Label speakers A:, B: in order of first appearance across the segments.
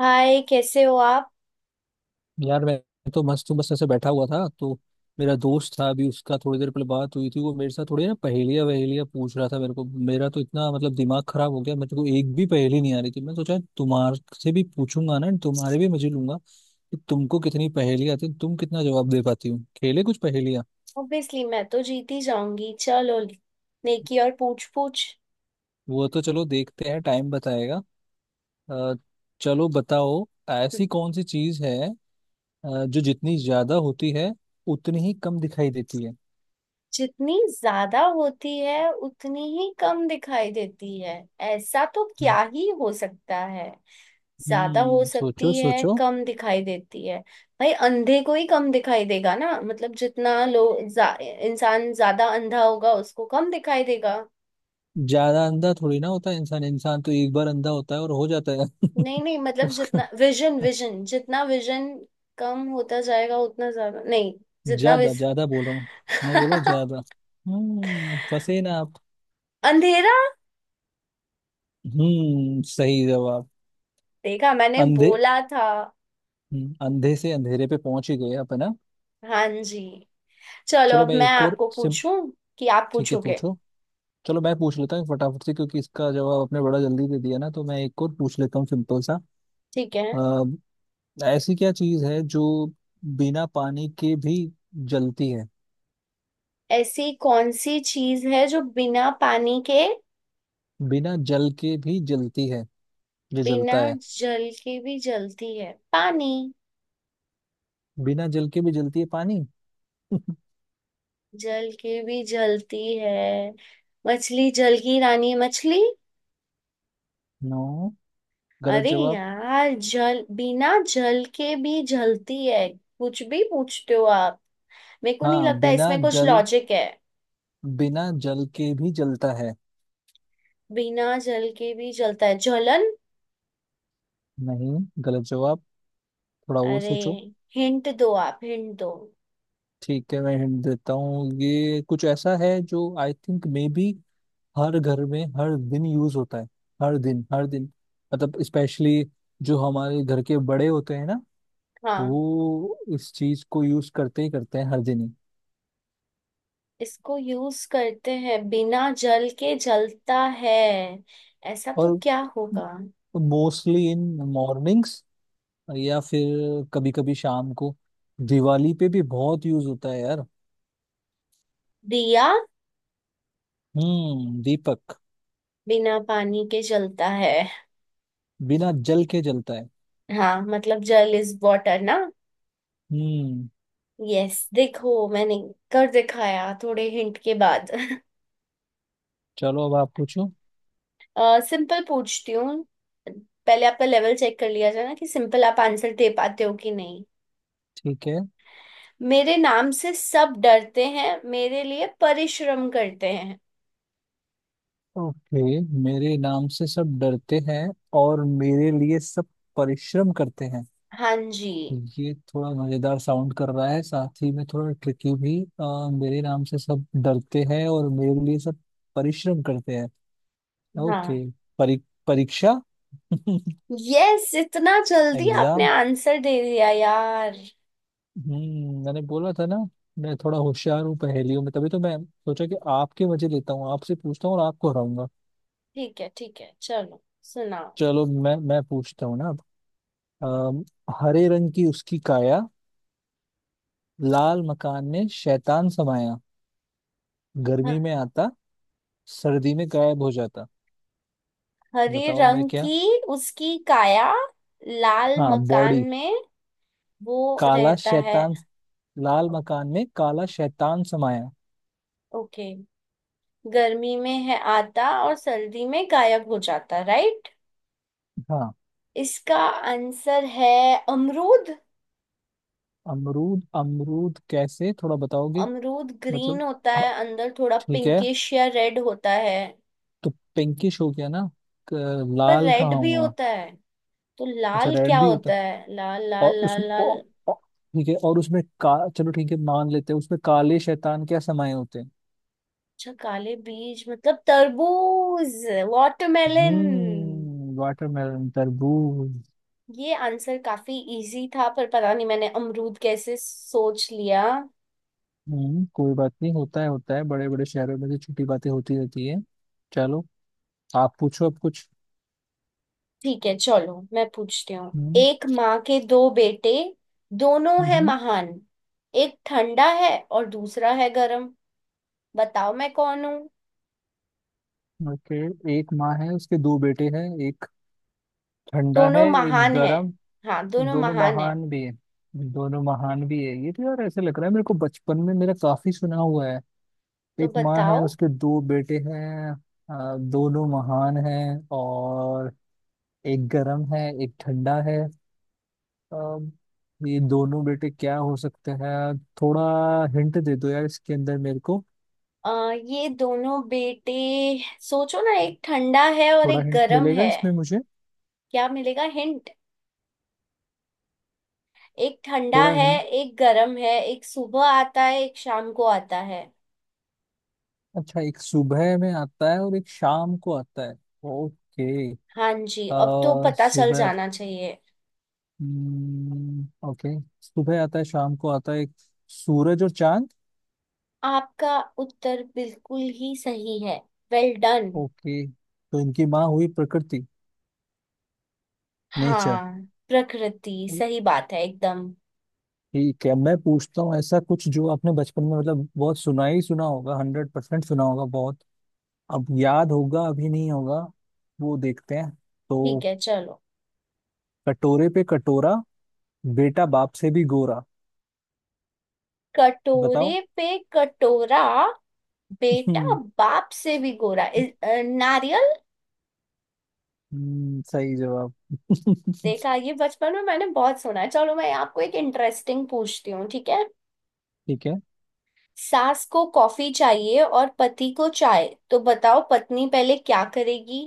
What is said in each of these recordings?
A: हाय, कैसे हो आप।
B: यार मैं तो मस्त हूँ। बस ऐसे बैठा हुआ था तो मेरा दोस्त था, अभी उसका थोड़ी देर पहले बात हुई थी। वो मेरे साथ थोड़ी ना पहेलियाँ वहेलियाँ पूछ रहा था मेरे को। मेरा तो इतना मतलब दिमाग खराब हो गया, मेरे को एक भी पहेली नहीं आ रही थी। मैं सोचा तुम्हारे से भी पूछूंगा ना, तुम्हारे भी मजे लूंगा कि तुमको कितनी पहेली आती हैं, तुम कितना जवाब दे पाती हो। खेले कुछ पहेलियाँ।
A: ऑब्वियसली मैं तो जीत ही जाऊंगी। चलो, नेकी और पूछ पूछ।
B: वो तो चलो देखते हैं, टाइम बताएगा। अ, चलो बताओ। ऐसी कौन सी चीज है जो जितनी ज्यादा होती है उतनी ही कम दिखाई देती है?
A: जितनी ज्यादा होती है उतनी ही कम दिखाई देती है, ऐसा तो
B: हम्म।
A: क्या ही हो सकता है। ज्यादा हो
B: हम्म, सोचो
A: सकती है,
B: सोचो।
A: कम दिखाई देती है। भाई अंधे को ही कम दिखाई देगा ना, मतलब जितना इंसान ज्यादा अंधा होगा उसको कम दिखाई देगा।
B: ज्यादा अंधा थोड़ी ना होता है इंसान। इंसान तो एक बार अंधा होता है और हो जाता है।
A: नहीं नहीं, मतलब
B: उसका
A: जितना विजन विजन जितना विजन कम होता जाएगा उतना ज्यादा नहीं। जितना
B: ज्यादा
A: विज
B: ज्यादा बोल रहा हूँ। मैं बोलो ज्यादा। हम्म, फंसे ना आप।
A: अंधेरा।
B: हम्म, सही जवाब।
A: देखा, मैंने
B: अंधे।
A: बोला था।
B: अंधे से अंधेरे पे पहुंच ही गए आप, है ना।
A: हाँ जी। चलो
B: चलो
A: अब
B: मैं
A: मैं
B: एक और
A: आपको
B: सिम।
A: पूछूं कि आप
B: ठीक है,
A: पूछोगे।
B: पूछो। चलो मैं पूछ लेता हूँ फटाफट से, क्योंकि इसका जवाब आपने बड़ा जल्दी दे दिया ना, तो मैं एक और पूछ लेता हूँ सिंपल सा।
A: ठीक है।
B: अ, ऐसी क्या चीज है जो बिना पानी के भी जलती है,
A: ऐसी कौन सी चीज है जो बिना पानी के,
B: बिना जल के भी जलती है? जो
A: बिना
B: जलता है
A: जल के भी जलती है। पानी,
B: बिना जल के भी जलती है पानी।
A: जल के भी जलती है। मछली जल की रानी है, मछली।
B: नो, गलत
A: अरे
B: जवाब।
A: यार, जल बिना जल के भी जलती है। कुछ भी पूछते हो आप। मेरे को नहीं
B: हाँ,
A: लगता
B: बिना
A: इसमें कुछ
B: जल,
A: लॉजिक है।
B: बिना जल के भी जलता है।
A: बिना जल के भी जलता है, जलन।
B: नहीं, गलत जवाब। थोड़ा और
A: अरे,
B: सोचो।
A: हिंट दो आप, हिंट दो।
B: ठीक है, मैं हिंट देता हूँ, ये कुछ ऐसा है जो आई थिंक मे बी हर घर में हर दिन यूज होता है। हर दिन हर दिन, मतलब स्पेशली जो हमारे घर के बड़े होते हैं ना,
A: हाँ,
B: वो इस चीज को यूज करते ही करते हैं हर दिन ही।
A: इसको यूज करते हैं, बिना जल के जलता है, ऐसा तो
B: और
A: क्या होगा।
B: तो मोस्टली इन मॉर्निंग्स या फिर कभी कभी शाम को, दिवाली पे भी बहुत यूज होता है यार।
A: दिया।
B: हम्म, दीपक।
A: बिना पानी के जलता है।
B: बिना जल के जलता है।
A: हाँ, मतलब जल इज वाटर ना।
B: हम्म।
A: यस, देखो मैंने कर दिखाया थोड़े हिंट के बाद
B: चलो अब आप पूछो।
A: सिंपल पूछती हूँ, पहले आपका लेवल चेक कर लिया जाए ना कि सिंपल आप आंसर दे पाते हो कि नहीं।
B: ठीक है।
A: मेरे नाम से सब डरते हैं, मेरे लिए परिश्रम करते हैं।
B: ओके, मेरे नाम से सब डरते हैं और मेरे लिए सब परिश्रम करते हैं।
A: हाँ जी।
B: ये थोड़ा मजेदार साउंड कर रहा है, साथ ही में थोड़ा ट्रिकी भी। मेरे नाम से सब डरते हैं और मेरे लिए सब परिश्रम करते हैं। ओके।
A: हाँ।
B: परी, परीक्षा।
A: यस, इतना जल्दी आपने
B: एग्जाम।
A: आंसर दे दिया यार।
B: हम्म, मैंने बोला था ना मैं थोड़ा होशियार हूँ पहेलियों में, तभी तो मैं सोचा कि आपके मजे लेता हूँ, आपसे पूछता हूँ और आपको हराऊंगा।
A: ठीक है ठीक है, चलो सुनाओ।
B: चलो मैं पूछता हूँ ना अब। अम, हरे रंग की उसकी काया, लाल मकान में शैतान समाया,
A: ह-
B: गर्मी में आता, सर्दी में गायब हो जाता।
A: हरे
B: बताओ मैं
A: रंग
B: क्या।
A: की उसकी काया, लाल
B: हाँ,
A: मकान
B: बॉडी।
A: में वो
B: काला
A: रहता है।
B: शैतान, लाल मकान में काला शैतान समाया।
A: ओके। गर्मी में है आता और सर्दी में गायब हो जाता, राइट।
B: हाँ।
A: इसका आंसर है अमरूद।
B: अमरूद? अमरूद कैसे, थोड़ा बताओगे?
A: अमरूद ग्रीन
B: मतलब,
A: होता
B: हाँ,
A: है, अंदर थोड़ा
B: ठीक है।
A: पिंकिश या रेड होता है।
B: तो पिंकिश हो गया ना। क-
A: पर
B: लाल
A: रेड
B: कहाँ
A: भी
B: हुआ?
A: होता है, तो
B: अच्छा,
A: लाल क्या
B: रेड भी होता
A: होता
B: है।
A: है, लाल
B: और
A: लाल
B: उसमें
A: लाल लाल।
B: ओ, ठीक है, और उसमें का, चलो ठीक है मान लेते हैं, उसमें काले शैतान क्या समाये होते हैं?
A: अच्छा, काले बीज मतलब तरबूज, वाटरमेलन।
B: हम्म, वाटरमेलन तरबूज।
A: ये आंसर काफी इजी था पर पता नहीं मैंने अमरूद कैसे सोच लिया।
B: हम्म, कोई बात नहीं, होता है होता है, बड़े बड़े शहरों में तो छोटी बातें होती रहती है। चलो आप पूछो अब कुछ।
A: ठीक है, चलो मैं पूछती हूँ।
B: हम्म।
A: एक माँ के दो बेटे, दोनों हैं
B: हम्म।
A: महान। एक ठंडा है और दूसरा है गरम, बताओ मैं कौन हूँ।
B: ओके, एक माँ है उसके दो बेटे हैं, एक ठंडा है
A: दोनों
B: एक
A: महान हैं।
B: गर्म।
A: हाँ, दोनों
B: दोनों
A: महान हैं।
B: महान भी है। दोनों महान भी है, ये तो यार ऐसे लग रहा है, मेरे को बचपन में मेरा काफी सुना हुआ है।
A: तो
B: एक माँ है
A: बताओ।
B: उसके दो बेटे हैं, दोनों महान हैं, और एक गरम है एक ठंडा है। अब ये दोनों बेटे क्या हो सकते हैं, थोड़ा हिंट दे दो यार इसके अंदर मेरे को।
A: ये दोनों बेटे, सोचो ना, एक ठंडा है और
B: थोड़ा
A: एक
B: हिंट
A: गरम
B: मिलेगा
A: है।
B: इसमें मुझे?
A: क्या मिलेगा हिंट। एक ठंडा
B: थोड़ा
A: है,
B: हिंट।
A: एक गरम है, एक सुबह आता है एक शाम को आता है।
B: अच्छा, एक सुबह में आता है और एक शाम को आता है। ओके।
A: हाँ जी,
B: अ
A: अब तो पता चल
B: सुबह।
A: जाना चाहिए।
B: ओके, सुबह आता है शाम को आता है। सूरज और चांद।
A: आपका उत्तर बिल्कुल ही सही है, वेल डन।
B: ओके, तो इनकी माँ हुई प्रकृति। नेचर।
A: हाँ। प्रकृति, सही बात है एकदम।
B: ठीक है मैं पूछता हूँ ऐसा कुछ जो आपने बचपन में मतलब बहुत सुना ही सुना होगा, हंड्रेड परसेंट सुना होगा बहुत। अब याद होगा अभी नहीं होगा, वो देखते हैं।
A: ठीक
B: तो
A: है, चलो।
B: कटोरे पे कटोरा, बेटा बाप से भी गोरा।
A: कटोरे
B: बताओ।
A: पे कटोरा, बेटा बाप से भी गोरा। नारियल।
B: सही जवाब।
A: देखा, ये बचपन में मैंने बहुत सुना है। चलो मैं आपको एक इंटरेस्टिंग पूछती हूँ, ठीक है।
B: ठीक है।
A: सास को कॉफी चाहिए और पति को चाय, तो बताओ पत्नी पहले क्या करेगी।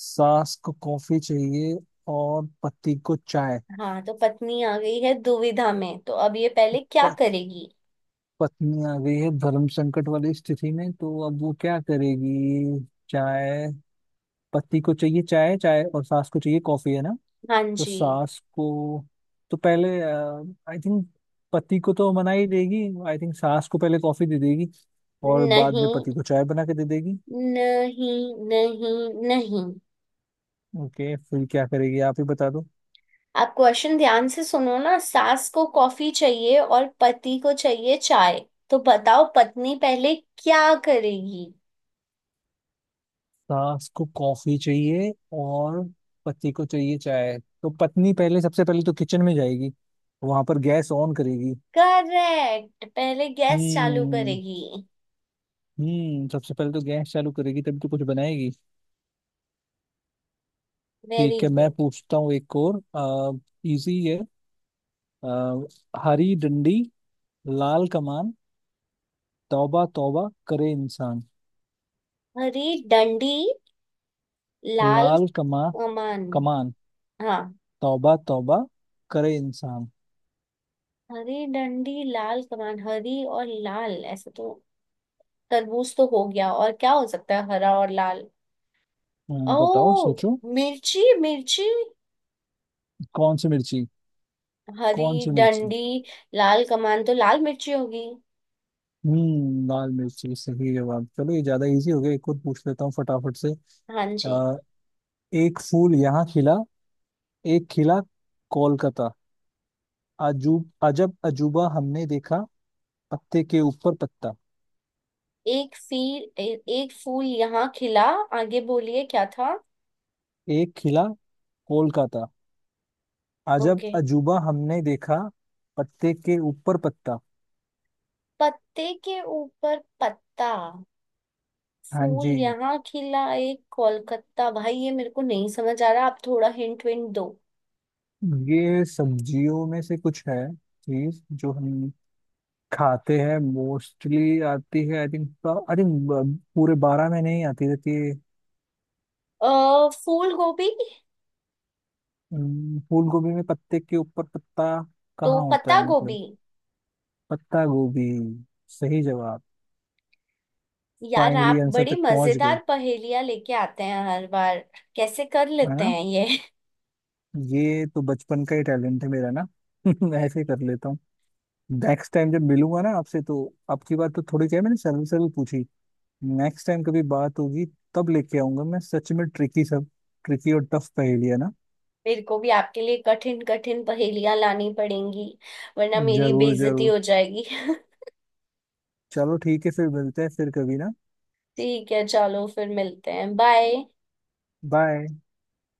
B: सास को कॉफी चाहिए और पति को चाय।
A: हाँ, तो पत्नी आ गई है दुविधा में, तो अब ये पहले क्या
B: प-
A: करेगी।
B: पत्नी आ गई है धर्म संकट वाली स्थिति में, तो अब वो क्या करेगी? चाय, पति को चाहिए चाय चाय और सास को चाहिए कॉफी, है ना।
A: हाँ
B: तो
A: जी।
B: सास को, तो पहले, आई थिंक पति को तो मना ही देगी। आई थिंक सास को पहले कॉफी दे देगी और बाद में
A: नहीं
B: पति को चाय बना के दे देगी।
A: नहीं नहीं नहीं,
B: ओके फिर क्या करेगी, आप ही बता दो।
A: आप क्वेश्चन ध्यान से सुनो ना। सास को कॉफी चाहिए और पति को चाहिए चाय, तो बताओ पत्नी पहले क्या करेगी।
B: सास को कॉफी चाहिए और पति को चाहिए चाय। तो पत्नी पहले, सबसे पहले तो किचन में जाएगी, वहां पर गैस ऑन करेगी।
A: करेक्ट, पहले गैस चालू
B: हम्म।
A: करेगी।
B: हम्म, सबसे पहले तो गैस चालू करेगी, तभी तो कुछ बनाएगी।
A: वेरी
B: ठीक है मैं
A: गुड।
B: पूछता हूँ एक और, इजी है। आ, हरी डंडी, लाल कमान, तौबा तौबा करे इंसान।
A: हरी डंडी लाल
B: लाल कमा,
A: कमान।
B: कमान,
A: हाँ।
B: तौबा तौबा करे इंसान।
A: हरी डंडी लाल कमान, हरी और लाल, ऐसे तो तरबूज तो हो गया, और क्या हो सकता है हरा और लाल।
B: बताओ
A: ओ,
B: सोचो।
A: मिर्ची मिर्ची।
B: कौन सी मिर्ची?
A: हरी
B: कौन सी मिर्ची?
A: डंडी, लाल कमान, तो लाल मिर्ची होगी।
B: हम्म, लाल मिर्ची, सही जवाब। चलो ये ज्यादा इजी हो गया, एक और पूछ लेता हूँ फटाफट से।
A: हाँ जी।
B: आ, एक फूल यहाँ खिला, एक खिला कोलकाता, अजूब अजब अजूबा हमने देखा, पत्ते के ऊपर पत्ता।
A: एक फूल यहाँ खिला, आगे बोलिए क्या था।
B: एक खिला कोलकाता, अजब
A: ओके।
B: अजूबा हमने देखा, पत्ते के ऊपर पत्ता।
A: पत्ते के ऊपर पत्ता।
B: हाँ
A: फूल
B: जी।
A: यहाँ खिला एक कोलकाता, भाई ये मेरे को नहीं समझ आ रहा, आप थोड़ा हिंट विंट दो।
B: ये सब्जियों में से कुछ है, चीज जो हम खाते हैं, मोस्टली आती है आई थिंक, आई थिंक पूरे बारह में नहीं आती रहती है।
A: अ फूल गोभी।
B: फूल गोभी में पत्ते के ऊपर पत्ता
A: तो
B: कहाँ होता
A: पत्ता
B: है, मतलब।
A: गोभी।
B: पत्ता गोभी, सही जवाब।
A: यार
B: फाइनली
A: आप
B: आंसर
A: बड़ी
B: तक पहुंच गए,
A: मजेदार पहेलियां लेके आते हैं हर बार। कैसे कर
B: है
A: लेते
B: ना।
A: हैं ये।
B: ये तो बचपन का ही टैलेंट है मेरा ना। ऐसे ही कर लेता हूँ। नेक्स्ट टाइम जब मिलूंगा ना आपसे, तो आपकी बात तो थोड़ी क्या है, मैंने सरल सरल पूछी। नेक्स्ट टाइम कभी बात होगी, तब लेके आऊंगा मैं सच में, ट्रिकी सब, ट्रिकी और टफ पहेलियां ना।
A: मेरे को भी आपके लिए कठिन कठिन पहेलियां लानी पड़ेंगी वरना मेरी
B: जरूर
A: बेइज्जती
B: जरूर।
A: हो जाएगी
B: चलो ठीक है, फिर मिलते हैं फिर कभी ना।
A: ठीक है चलो, फिर मिलते हैं, बाय।
B: बाय।